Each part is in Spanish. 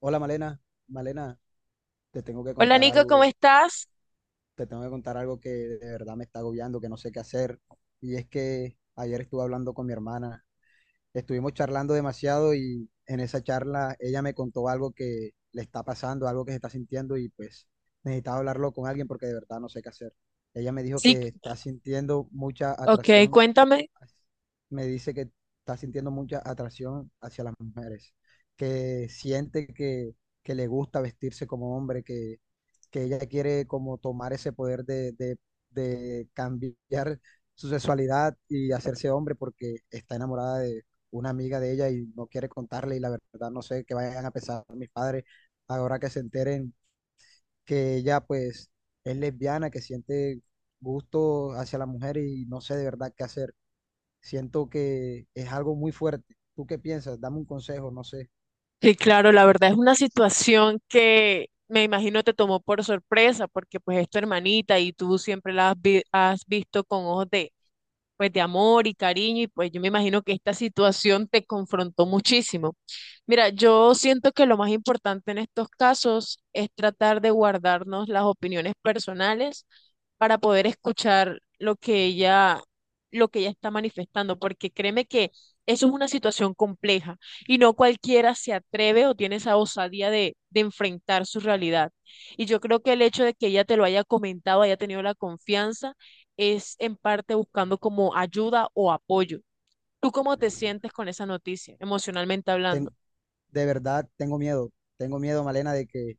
Hola Malena, Malena, te tengo que Hola contar Nico, ¿cómo algo, estás? te tengo que contar algo que de verdad me está agobiando, que no sé qué hacer. Y es que ayer estuve hablando con mi hermana, estuvimos charlando demasiado y en esa charla ella me contó algo que le está pasando, algo que se está sintiendo y pues necesitaba hablarlo con alguien porque de verdad no sé qué hacer. Ella me dijo Sí, que está sintiendo mucha ok, atracción, cuéntame. me dice que está sintiendo mucha atracción hacia las mujeres, que siente que le gusta vestirse como hombre, que ella quiere como tomar ese poder de de cambiar su sexualidad y hacerse hombre porque está enamorada de una amiga de ella y no quiere contarle, y la verdad no sé qué vayan a pensar mis padres ahora que se enteren que ella, pues, es lesbiana, que siente gusto hacia la mujer y no sé de verdad qué hacer. Siento que es algo muy fuerte. ¿Tú qué piensas? Dame un consejo, no sé. Sí, claro, la verdad es una situación que me imagino te tomó por sorpresa, porque pues es tu hermanita y tú siempre la has, has visto con ojos pues de amor y cariño, y pues yo me imagino que esta situación te confrontó muchísimo. Mira, yo siento que lo más importante en estos casos es tratar de guardarnos las opiniones personales para poder escuchar lo que ella está manifestando, porque créeme que eso es una situación compleja y no cualquiera se atreve o tiene esa osadía de enfrentar su realidad. Y yo creo que el hecho de que ella te lo haya comentado, haya tenido la confianza, es en parte buscando como ayuda o apoyo. ¿Tú cómo te sientes con esa noticia, emocionalmente Ten- hablando? de verdad tengo miedo. Tengo miedo, Malena, de que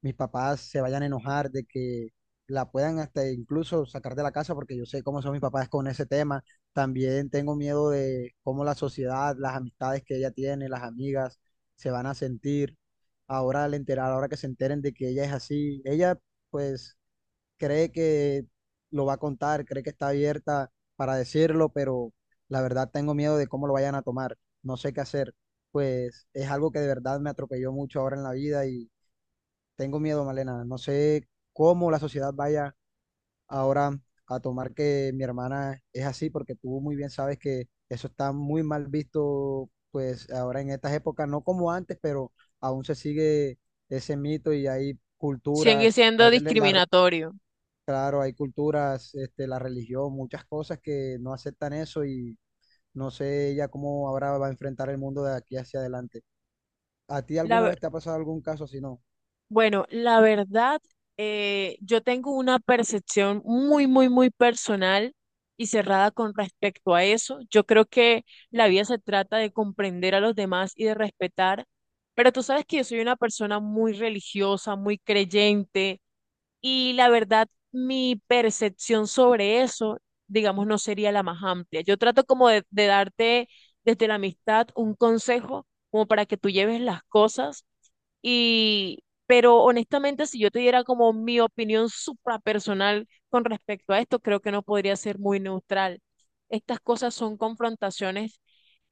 mis papás se vayan a enojar, de que la puedan hasta incluso sacar de la casa, porque yo sé cómo son mis papás con ese tema. También tengo miedo de cómo la sociedad, las amistades que ella tiene, las amigas, se van a sentir. Ahora al enterar, ahora que se enteren de que ella es así, ella pues cree que lo va a contar, cree que está abierta para decirlo, pero la verdad tengo miedo de cómo lo vayan a tomar. No sé qué hacer. Pues es algo que de verdad me atropelló mucho ahora en la vida y tengo miedo, Malena. No sé cómo la sociedad vaya ahora a tomar que mi hermana es así, porque tú muy bien sabes que eso está muy mal visto, pues ahora en estas épocas, no como antes, pero aún se sigue ese mito y hay Sigue culturas, siendo discriminatorio. Claro, hay culturas, este, la religión, muchas cosas que no aceptan eso y no sé ella cómo ahora va a enfrentar el mundo de aquí hacia adelante. ¿A ti La, alguna ver- vez te ha pasado algún caso si no? bueno, la verdad, yo tengo una percepción muy, muy, muy personal y cerrada con respecto a eso. Yo creo que la vida se trata de comprender a los demás y de respetar, pero tú sabes que yo soy una persona muy religiosa, muy creyente. Y la verdad, mi percepción sobre eso, digamos, no sería la más amplia. Yo trato como de darte desde la amistad un consejo como para que tú lleves las cosas y, pero honestamente, si yo te diera como mi opinión suprapersonal con respecto a esto, creo que no podría ser muy neutral. Estas cosas son confrontaciones,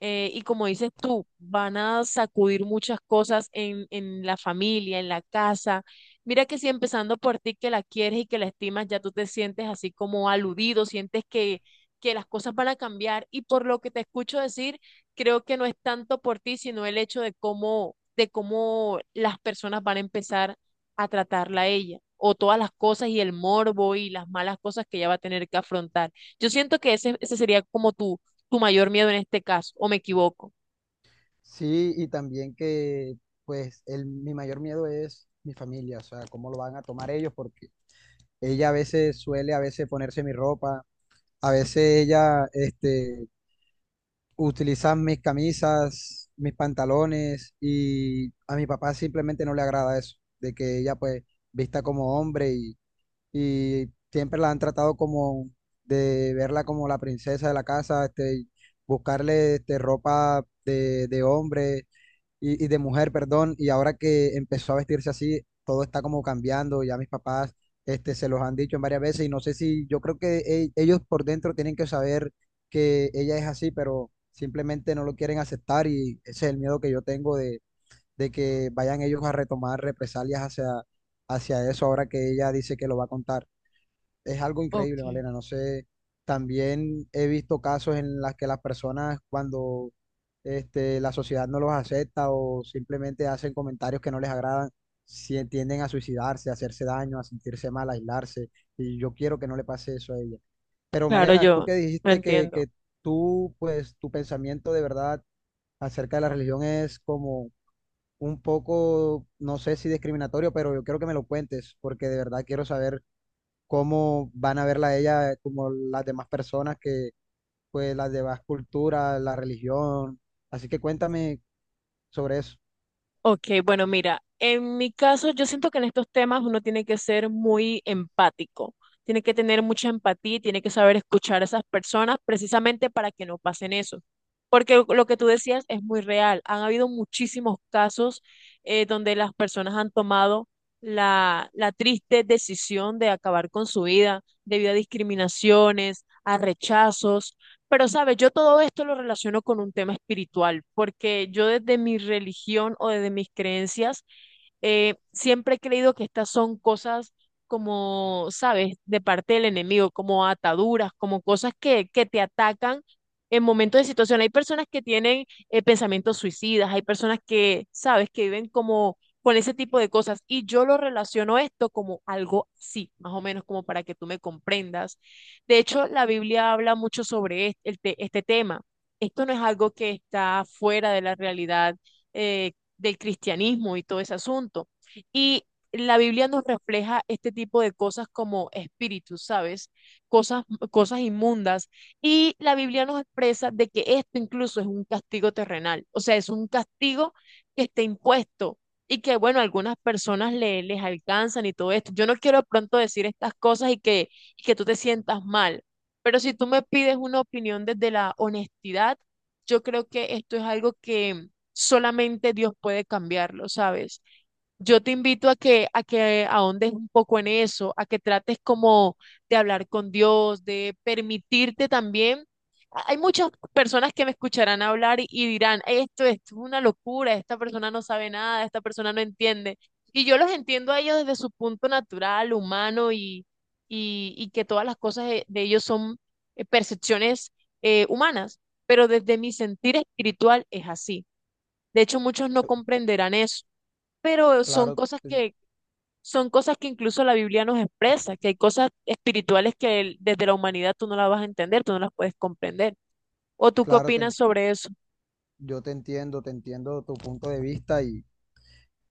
y como dices tú, van a sacudir muchas cosas en la familia, en la casa. Mira que si empezando por ti que la quieres y que la estimas, ya tú te sientes así como aludido, sientes que las cosas van a cambiar, y por lo que te escucho decir, creo que no es tanto por ti, sino el hecho de cómo, de cómo las personas van a empezar a tratarla a ella, o todas las cosas y el morbo y las malas cosas que ella va a tener que afrontar. Yo siento que ese sería como tu mayor miedo en este caso, o me equivoco. Sí, y también que pues el, mi mayor miedo es mi familia, o sea, cómo lo van a tomar ellos, porque ella a veces suele a veces ponerse mi ropa, a veces ella, este, utilizan mis camisas, mis pantalones, y a mi papá simplemente no le agrada eso, de que ella pues vista como hombre y siempre la han tratado como de verla como la princesa de la casa, este, buscarle, este, ropa de hombre, y de mujer, perdón, y ahora que empezó a vestirse así, todo está como cambiando, ya mis papás, este, se los han dicho en varias veces y no sé, si yo creo que ellos por dentro tienen que saber que ella es así, pero simplemente no lo quieren aceptar, y ese es el miedo que yo tengo de que vayan ellos a retomar represalias hacia, hacia eso ahora que ella dice que lo va a contar. Es algo Ok. increíble, Malena. No sé, también he visto casos en las que las personas cuando, este, la sociedad no los acepta o simplemente hacen comentarios que no les agradan, si tienden a suicidarse, a hacerse daño, a sentirse mal, a aislarse. Y yo quiero que no le pase eso a ella. Pero Claro, Malena, tú yo que lo dijiste entiendo. que tú, pues tu pensamiento de verdad acerca de la religión es como un poco, no sé si discriminatorio, pero yo quiero que me lo cuentes porque de verdad quiero saber cómo van a verla a ella como las demás personas que, pues, las demás culturas, la religión. Así que cuéntame sobre eso. Ok, bueno, mira, en mi caso yo siento que en estos temas uno tiene que ser muy empático, tiene que tener mucha empatía y tiene que saber escuchar a esas personas precisamente para que no pasen eso. Porque lo que tú decías es muy real. Han habido muchísimos casos, donde las personas han tomado la, la triste decisión de acabar con su vida debido a discriminaciones, a rechazos. Pero, sabes, yo todo esto lo relaciono con un tema espiritual, porque yo desde mi religión o desde mis creencias, siempre he creído que estas son cosas como, sabes, de parte del enemigo, como ataduras, como cosas que te atacan en momentos de situación. Hay personas que tienen pensamientos suicidas, hay personas que, sabes, que viven como con ese tipo de cosas. Y yo lo relaciono esto como algo así, más o menos, como para que tú me comprendas. De hecho, la Biblia habla mucho sobre este, este tema. Esto no es algo que está fuera de la realidad, eh, del cristianismo y todo ese asunto. Y la Biblia nos refleja este tipo de cosas como espíritus, ¿sabes? Cosas, cosas inmundas. Y la Biblia nos expresa de que esto incluso es un castigo terrenal, o sea, es un castigo que está impuesto y que, bueno, algunas personas le, les alcanzan y todo esto. Yo no quiero de pronto decir estas cosas y que tú te sientas mal, pero si tú me pides una opinión desde la honestidad, yo creo que esto es algo que solamente Dios puede cambiarlo, ¿sabes? Yo te invito a que ahondes un poco en eso, a que trates como de hablar con Dios, de permitirte también. Hay muchas personas que me escucharán hablar y dirán, esto es una locura, esta persona no sabe nada, esta persona no entiende. Y yo los entiendo a ellos desde su punto natural, humano y que todas las cosas de ellos son percepciones humanas, pero desde mi sentir espiritual es así. De hecho, muchos no comprenderán eso, pero Claro, te- son cosas que incluso la Biblia nos expresa, que hay cosas espirituales que desde la humanidad tú no las vas a entender, tú no las puedes comprender. ¿O tú qué claro, te opinas en- sobre eso? yo te entiendo tu punto de vista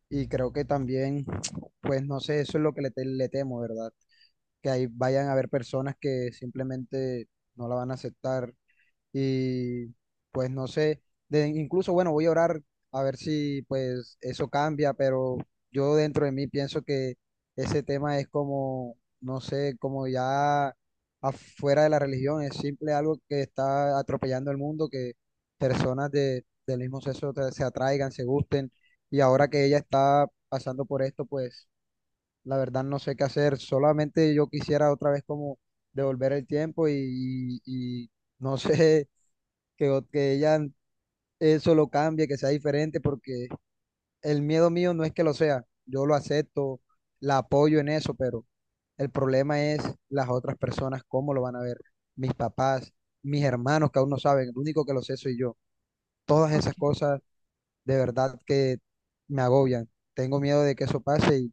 y creo que también, pues no sé, eso es lo que le temo, ¿verdad? Que ahí vayan a haber personas que simplemente no la van a aceptar, y pues no sé, incluso, bueno, voy a orar a ver si pues eso cambia, pero yo dentro de mí pienso que ese tema es como, no sé, como ya afuera de la religión, es simple algo que está atropellando el mundo, que personas de, del mismo sexo se atraigan, se gusten, y ahora que ella está pasando por esto, pues la verdad no sé qué hacer, solamente yo quisiera otra vez como devolver el tiempo y no sé que, que ella eso lo cambie, que sea diferente, porque el miedo mío no es que lo sea, yo lo acepto, la apoyo en eso, pero el problema es las otras personas, cómo lo van a ver, mis papás, mis hermanos que aún no saben, el único que lo sé soy yo. Todas esas Okay. cosas de verdad que me agobian. Tengo miedo de que eso pase,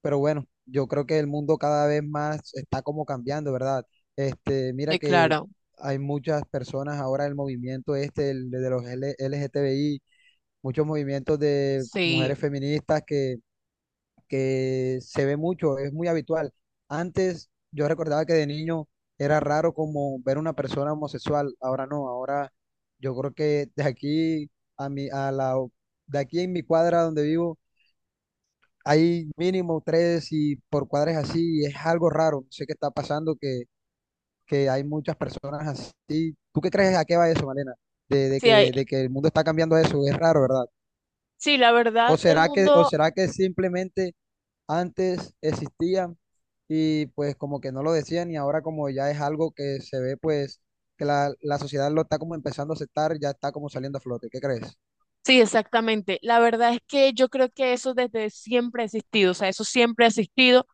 pero bueno, yo creo que el mundo cada vez más está como cambiando, ¿verdad? Este, mira Sí, que claro, hay muchas personas ahora, el movimiento este, el de los LGTBI, muchos movimientos de sí. mujeres feministas que se ve mucho, es muy habitual. Antes yo recordaba que de niño era raro como ver una persona homosexual, ahora no, ahora yo creo que de aquí a de aquí en mi cuadra donde vivo hay mínimo tres y por cuadres así, y es algo raro. No sé qué está pasando, que hay muchas personas así. ¿Tú qué crees a qué va eso, Malena? De, de Sí, hay- que, de que el mundo está cambiando a eso, es raro, ¿verdad? sí, la verdad, el O mundo, será que simplemente antes existían y pues como que no lo decían y ahora como ya es algo que se ve, pues que la sociedad lo está como empezando a aceptar, ya está como saliendo a flote? ¿Qué crees? sí, exactamente. La verdad es que yo creo que eso desde siempre ha existido, o sea, eso siempre ha existido,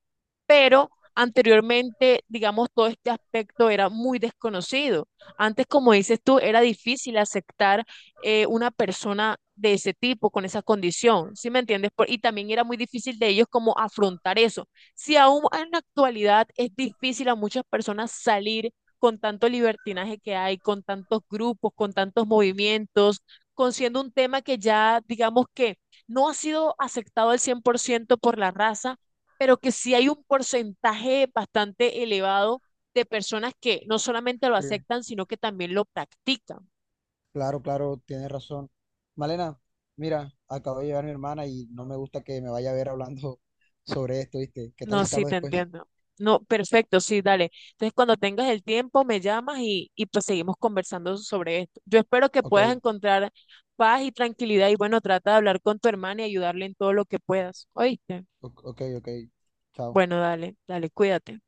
pero anteriormente, digamos, todo este aspecto era muy desconocido. Antes, como dices tú, era difícil aceptar, una persona de ese tipo, con esa condición, ¿sí me entiendes? Y también era muy difícil de ellos como afrontar eso. Si aún en la actualidad es difícil a muchas personas salir, con tanto libertinaje que hay, con tantos grupos, con tantos movimientos, con siendo un tema que ya, digamos que no ha sido aceptado al 100% por la raza, pero que sí hay un porcentaje bastante elevado de personas que no solamente lo Sí. aceptan, sino que también lo practican. Claro, claro, tienes razón. Malena, mira, acabo de llegar mi hermana y no me gusta que me vaya a ver hablando sobre esto, ¿viste? ¿Qué tal No, si te sí, hablo te después? entiendo. No, perfecto, sí, dale. Entonces, cuando tengas el tiempo, me llamas y pues seguimos conversando sobre esto. Yo espero que Ok, puedas encontrar paz y tranquilidad y bueno, trata de hablar con tu hermana y ayudarle en todo lo que puedas. ¿Oíste? Ok, ok, chao. Bueno, dale, dale, cuídate.